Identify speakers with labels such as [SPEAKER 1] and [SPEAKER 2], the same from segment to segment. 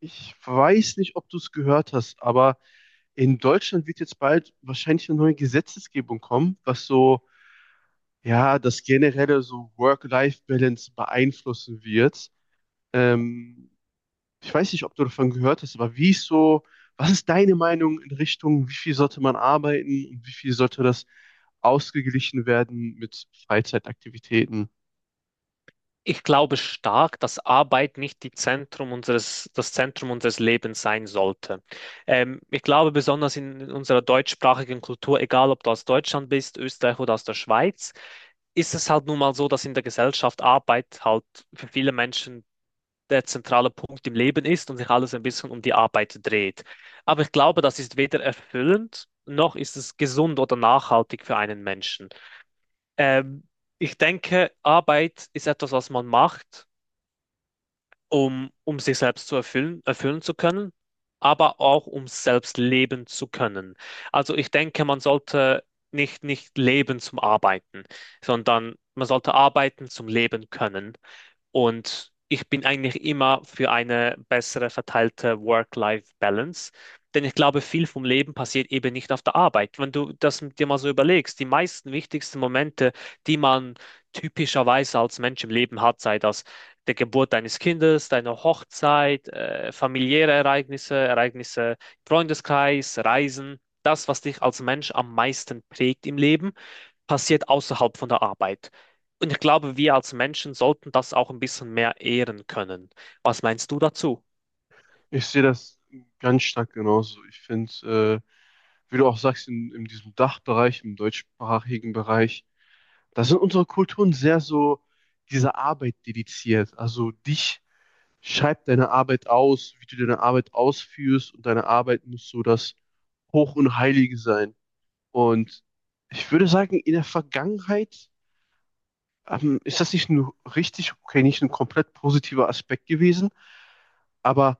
[SPEAKER 1] Ich weiß nicht, ob du es gehört hast, aber in Deutschland wird jetzt bald wahrscheinlich eine neue Gesetzesgebung kommen, was so, ja, das generelle so Work-Life-Balance beeinflussen wird. Ähm, Ich weiß nicht, ob du davon gehört hast, aber wie ist so, was ist deine Meinung in Richtung, wie viel sollte man arbeiten und wie viel sollte das ausgeglichen werden mit Freizeitaktivitäten?
[SPEAKER 2] Ich glaube stark, dass Arbeit nicht die Zentrum unseres, das Zentrum unseres Lebens sein sollte. Ich glaube besonders in, unserer deutschsprachigen Kultur, egal ob du aus Deutschland bist, Österreich oder aus der Schweiz, ist es halt nun mal so, dass in der Gesellschaft Arbeit halt für viele Menschen der zentrale Punkt im Leben ist und sich alles ein bisschen um die Arbeit dreht. Aber ich glaube, das ist weder erfüllend, noch ist es gesund oder nachhaltig für einen Menschen. Ähm, ich denke, Arbeit ist etwas, was man macht um sich selbst zu erfüllen, erfüllen zu können, aber auch um selbst leben zu können. Also ich denke, man sollte nicht leben zum Arbeiten, sondern man sollte arbeiten zum Leben können. Und ich bin eigentlich immer für eine bessere verteilte Work-Life-Balance. Denn ich glaube, viel vom Leben passiert eben nicht auf der Arbeit. Wenn du das dir mal so überlegst, die meisten wichtigsten Momente, die man typischerweise als Mensch im Leben hat, sei das der Geburt deines Kindes, deine Hochzeit, familiäre Ereignisse, Ereignisse im Freundeskreis, Reisen, das, was dich als Mensch am meisten prägt im Leben, passiert außerhalb von der Arbeit. Und ich glaube, wir als Menschen sollten das auch ein bisschen mehr ehren können. Was meinst du dazu?
[SPEAKER 1] Ich sehe das ganz stark genauso. Ich finde, wie du auch sagst, in diesem Dachbereich, im deutschsprachigen Bereich, da sind unsere Kulturen sehr so dieser Arbeit dediziert. Also dich schreibt deine Arbeit aus, wie du deine Arbeit ausführst und deine Arbeit muss so das Hoch und Heilige sein. Und ich würde sagen, in der Vergangenheit ist das nicht nur richtig, okay, nicht ein komplett positiver Aspekt gewesen, aber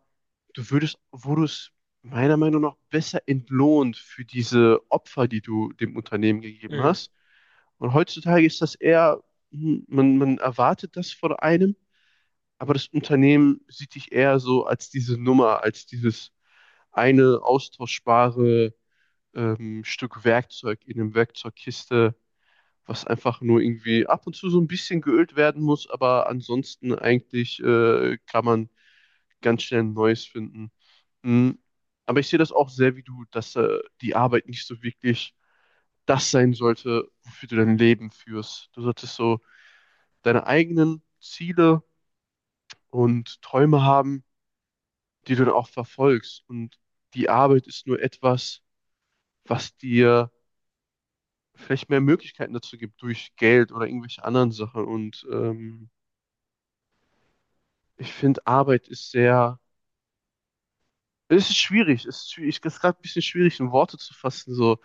[SPEAKER 1] wurdest meiner Meinung nach besser entlohnt für diese Opfer, die du dem Unternehmen gegeben
[SPEAKER 2] Mm.
[SPEAKER 1] hast. Und heutzutage ist das eher, hm, man erwartet das von einem, aber das Unternehmen sieht dich eher so als diese Nummer, als dieses eine austauschbare Stück Werkzeug in einem Werkzeugkiste, was einfach nur irgendwie ab und zu so ein bisschen geölt werden muss, aber ansonsten eigentlich kann man ganz schnell ein neues finden. Mhm. Aber ich sehe das auch sehr wie du, dass die Arbeit nicht so wirklich das sein sollte, wofür du dein Leben führst. Du solltest so deine eigenen Ziele und Träume haben, die du dann auch verfolgst. Und die Arbeit ist nur etwas, was dir vielleicht mehr Möglichkeiten dazu gibt durch Geld oder irgendwelche anderen Sachen. Und ich finde, Arbeit ist sehr, es ist gerade ein bisschen schwierig, in Worte zu fassen, so,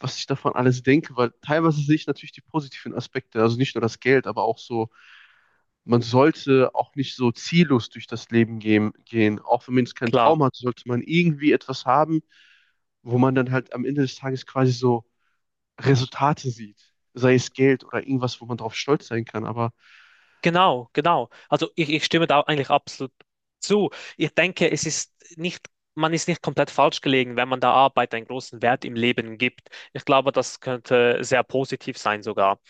[SPEAKER 1] was ich davon alles denke, weil teilweise sehe ich natürlich die positiven Aspekte, also nicht nur das Geld, aber auch so, man sollte auch nicht so ziellos durch das Leben gehen. Auch wenn man jetzt keinen
[SPEAKER 2] Klar.
[SPEAKER 1] Traum hat, sollte man irgendwie etwas haben, wo man dann halt am Ende des Tages quasi so Resultate sieht. Sei es Geld oder irgendwas, wo man drauf stolz sein kann. Aber
[SPEAKER 2] Genau, genau. Also ich stimme da eigentlich absolut zu. Ich denke, es ist nicht, man ist nicht komplett falsch gelegen, wenn man der Arbeit einen großen Wert im Leben gibt. Ich glaube, das könnte sehr positiv sein sogar.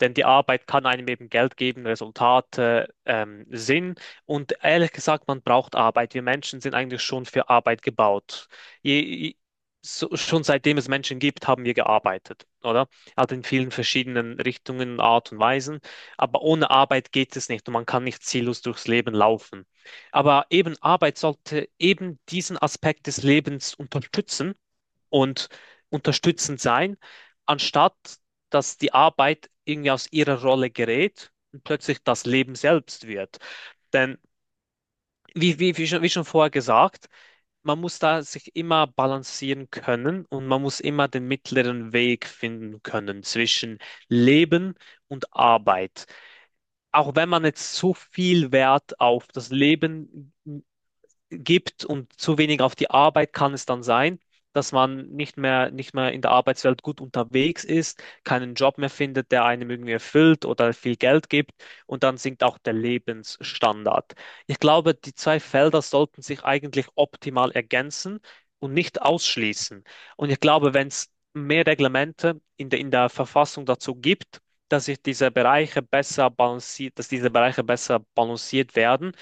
[SPEAKER 2] Denn die Arbeit kann einem eben Geld geben, Resultate, Sinn. Und ehrlich gesagt, man braucht Arbeit. Wir Menschen sind eigentlich schon für Arbeit gebaut. Je, je- schon seitdem es Menschen gibt, haben wir gearbeitet, oder? Also in vielen verschiedenen Richtungen, Art und Weisen. Aber ohne Arbeit geht es nicht und man kann nicht ziellos durchs Leben laufen. Aber eben Arbeit sollte eben diesen Aspekt des Lebens unterstützen und unterstützend sein, anstatt dass die Arbeit irgendwie aus ihrer Rolle gerät und plötzlich das Leben selbst wird. Denn wie schon vorher gesagt, man muss da sich immer balancieren können und man muss immer den mittleren Weg finden können zwischen Leben und Arbeit. Auch wenn man jetzt so viel Wert auf das Leben gibt und zu wenig auf die Arbeit kann es dann sein, dass man nicht mehr in der Arbeitswelt gut unterwegs ist, keinen Job mehr findet, der einem irgendwie erfüllt oder viel Geld gibt und dann sinkt auch der Lebensstandard. Ich glaube, die zwei Felder sollten sich eigentlich optimal ergänzen und nicht ausschließen. Und ich glaube, wenn es mehr Reglemente in der Verfassung dazu gibt, dass sich diese Bereiche besser balanciert, dass diese Bereiche besser balanciert werden,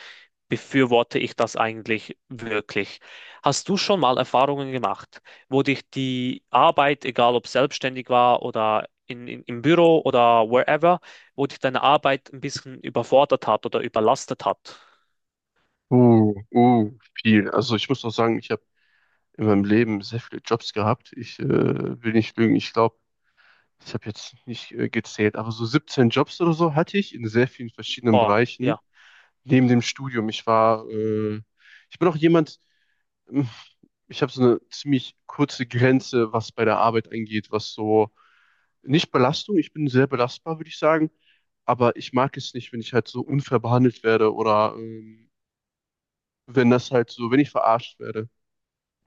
[SPEAKER 2] befürworte ich das eigentlich wirklich. Hast du schon mal Erfahrungen gemacht, wo dich die Arbeit, egal ob selbstständig war oder im Büro oder wherever, wo dich deine Arbeit ein bisschen überfordert hat oder überlastet hat?
[SPEAKER 1] viel. Also ich muss auch sagen, ich habe in meinem Leben sehr viele Jobs gehabt. Ich will nicht lügen, ich glaube, ich habe jetzt nicht gezählt, aber so 17 Jobs oder so hatte ich in sehr vielen verschiedenen
[SPEAKER 2] Boah,
[SPEAKER 1] Bereichen
[SPEAKER 2] ja.
[SPEAKER 1] neben dem Studium. Ich bin auch jemand, ähm, ich habe so eine ziemlich kurze Grenze, was bei der Arbeit angeht, was so nicht Belastung, ich bin sehr belastbar, würde ich sagen, aber ich mag es nicht, wenn ich halt so unfair behandelt werde oder wenn das halt so, wenn ich verarscht werde.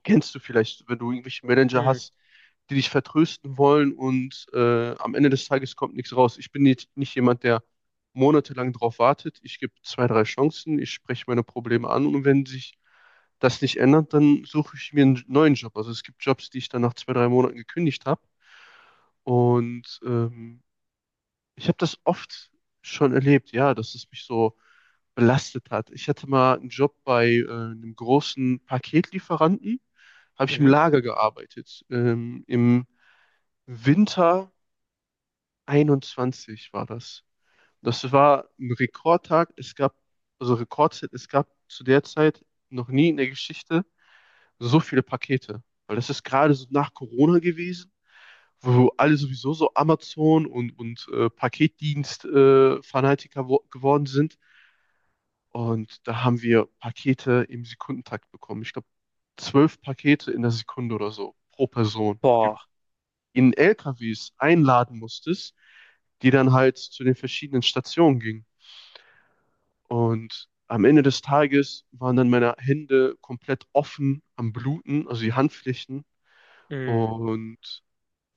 [SPEAKER 1] Kennst du vielleicht, wenn du irgendwelche Manager
[SPEAKER 2] Mm.
[SPEAKER 1] hast, die dich vertrösten wollen und am Ende des Tages kommt nichts raus. Ich bin nicht jemand, der monatelang darauf wartet. Ich gebe zwei, drei Chancen, ich spreche meine Probleme an und wenn sich das nicht ändert, dann suche ich mir einen neuen Job. Also es gibt Jobs, die ich dann nach zwei, drei Monaten gekündigt habe. Und ich habe das oft schon erlebt, ja, dass es mich so belastet hat. Ich hatte mal einen Job bei einem großen Paketlieferanten, habe ich im
[SPEAKER 2] Mhm.
[SPEAKER 1] Lager gearbeitet. Im Winter 21 war das. Das war ein Rekordtag. Also Rekordzeit, es gab zu der Zeit noch nie in der Geschichte so viele Pakete. Weil das ist gerade so nach Corona gewesen, wo alle sowieso so Amazon und Paketdienst-Fanatiker wo- geworden sind. Und da haben wir Pakete im Sekundentakt bekommen. Ich glaube, zwölf Pakete in der Sekunde oder so pro Person, die du
[SPEAKER 2] Boah.
[SPEAKER 1] in LKWs einladen musstest, die dann halt zu den verschiedenen Stationen gingen. Und am Ende des Tages waren dann meine Hände komplett offen am Bluten, also die Handflächen.
[SPEAKER 2] Mm.
[SPEAKER 1] Und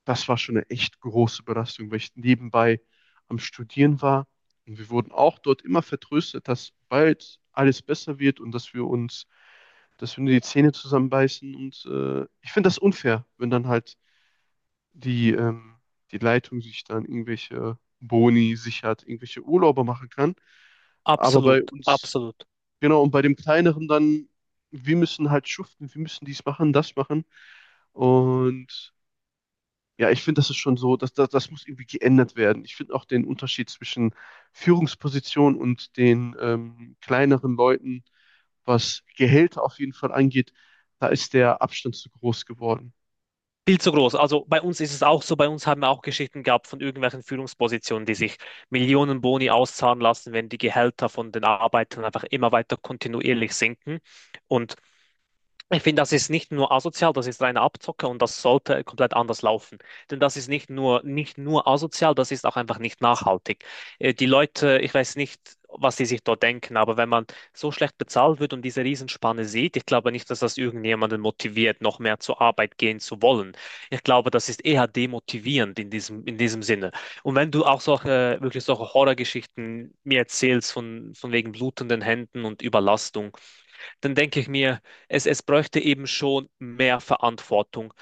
[SPEAKER 1] das war schon eine echt große Belastung, weil ich nebenbei am Studieren war. Und wir wurden auch dort immer vertröstet, dass bald alles besser wird und dass wir uns, dass wir nur die Zähne zusammenbeißen. Und ich finde das unfair, wenn dann halt die, ähm, die Leitung sich dann irgendwelche Boni sichert, irgendwelche Urlaube machen kann. Aber
[SPEAKER 2] Absolut,
[SPEAKER 1] bei uns,
[SPEAKER 2] absolut.
[SPEAKER 1] genau, und bei dem Kleineren dann, wir müssen halt schuften, wir müssen dies machen, das machen. Und ja, ich finde, das ist schon so, das muss irgendwie geändert werden. Ich finde auch den Unterschied zwischen Führungsposition und den kleineren Leuten, was Gehälter auf jeden Fall angeht, da ist der Abstand zu groß geworden.
[SPEAKER 2] Viel zu groß. Also bei uns ist es auch so, bei uns haben wir auch Geschichten gehabt von irgendwelchen Führungspositionen, die sich Millionen Boni auszahlen lassen, wenn die Gehälter von den Arbeitern einfach immer weiter kontinuierlich sinken. Und ich finde, das ist nicht nur asozial, das ist reine Abzocke und das sollte komplett anders laufen. Denn das ist nicht nur asozial, das ist auch einfach nicht nachhaltig. Die Leute, ich weiß nicht, was sie sich dort denken, aber wenn man so schlecht bezahlt wird und diese Riesenspanne sieht, ich glaube nicht, dass das irgendjemanden motiviert, noch mehr zur Arbeit gehen zu wollen. Ich glaube, das ist eher demotivierend in diesem Sinne. Und wenn du auch solche, wirklich solche Horrorgeschichten mir erzählst von wegen blutenden Händen und Überlastung, dann denke ich mir, es bräuchte eben schon mehr Verantwortung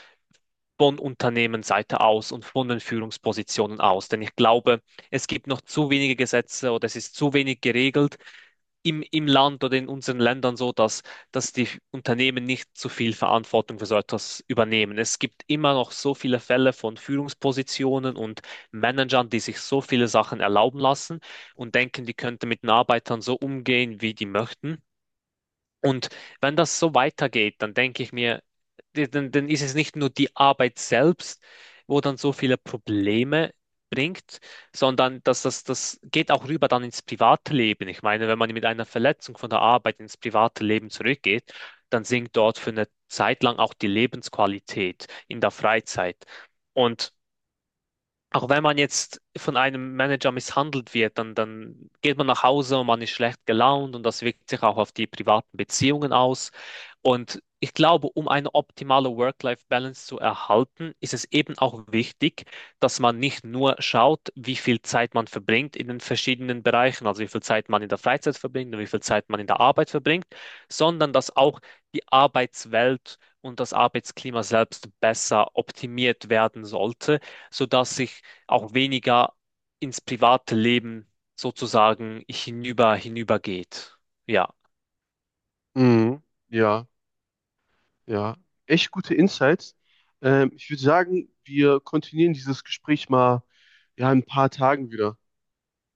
[SPEAKER 2] von Unternehmensseite aus und von den Führungspositionen aus. Denn ich glaube, es gibt noch zu wenige Gesetze oder es ist zu wenig geregelt im Land oder in unseren Ländern so, dass, dass die Unternehmen nicht zu viel Verantwortung für so etwas übernehmen. Es gibt immer noch so viele Fälle von Führungspositionen und Managern, die sich so viele Sachen erlauben lassen und denken, die könnten mit den Arbeitern so umgehen, wie die möchten. Und wenn das so weitergeht, dann denke ich mir, dann ist es nicht nur die Arbeit selbst, wo dann so viele Probleme bringt, sondern dass das geht auch rüber dann ins private Leben. Ich meine, wenn man mit einer Verletzung von der Arbeit ins private Leben zurückgeht, dann sinkt dort für eine Zeit lang auch die Lebensqualität in der Freizeit. Und auch wenn man jetzt von einem Manager misshandelt wird, dann geht man nach Hause und man ist schlecht gelaunt und das wirkt sich auch auf die privaten Beziehungen aus. Und ich glaube, um eine optimale Work-Life-Balance zu erhalten, ist es eben auch wichtig, dass man nicht nur schaut, wie viel Zeit man verbringt in den verschiedenen Bereichen, also wie viel Zeit man in der Freizeit verbringt und wie viel Zeit man in der Arbeit verbringt, sondern dass auch die Arbeitswelt und das Arbeitsklima selbst besser optimiert werden sollte, sodass sich auch weniger ins private Leben sozusagen hinübergeht. Ja.
[SPEAKER 1] Mhm. Ja, ja. Echt gute Insights. Ich würde sagen, wir kontinuieren dieses Gespräch mal ja, in ein paar Tagen wieder.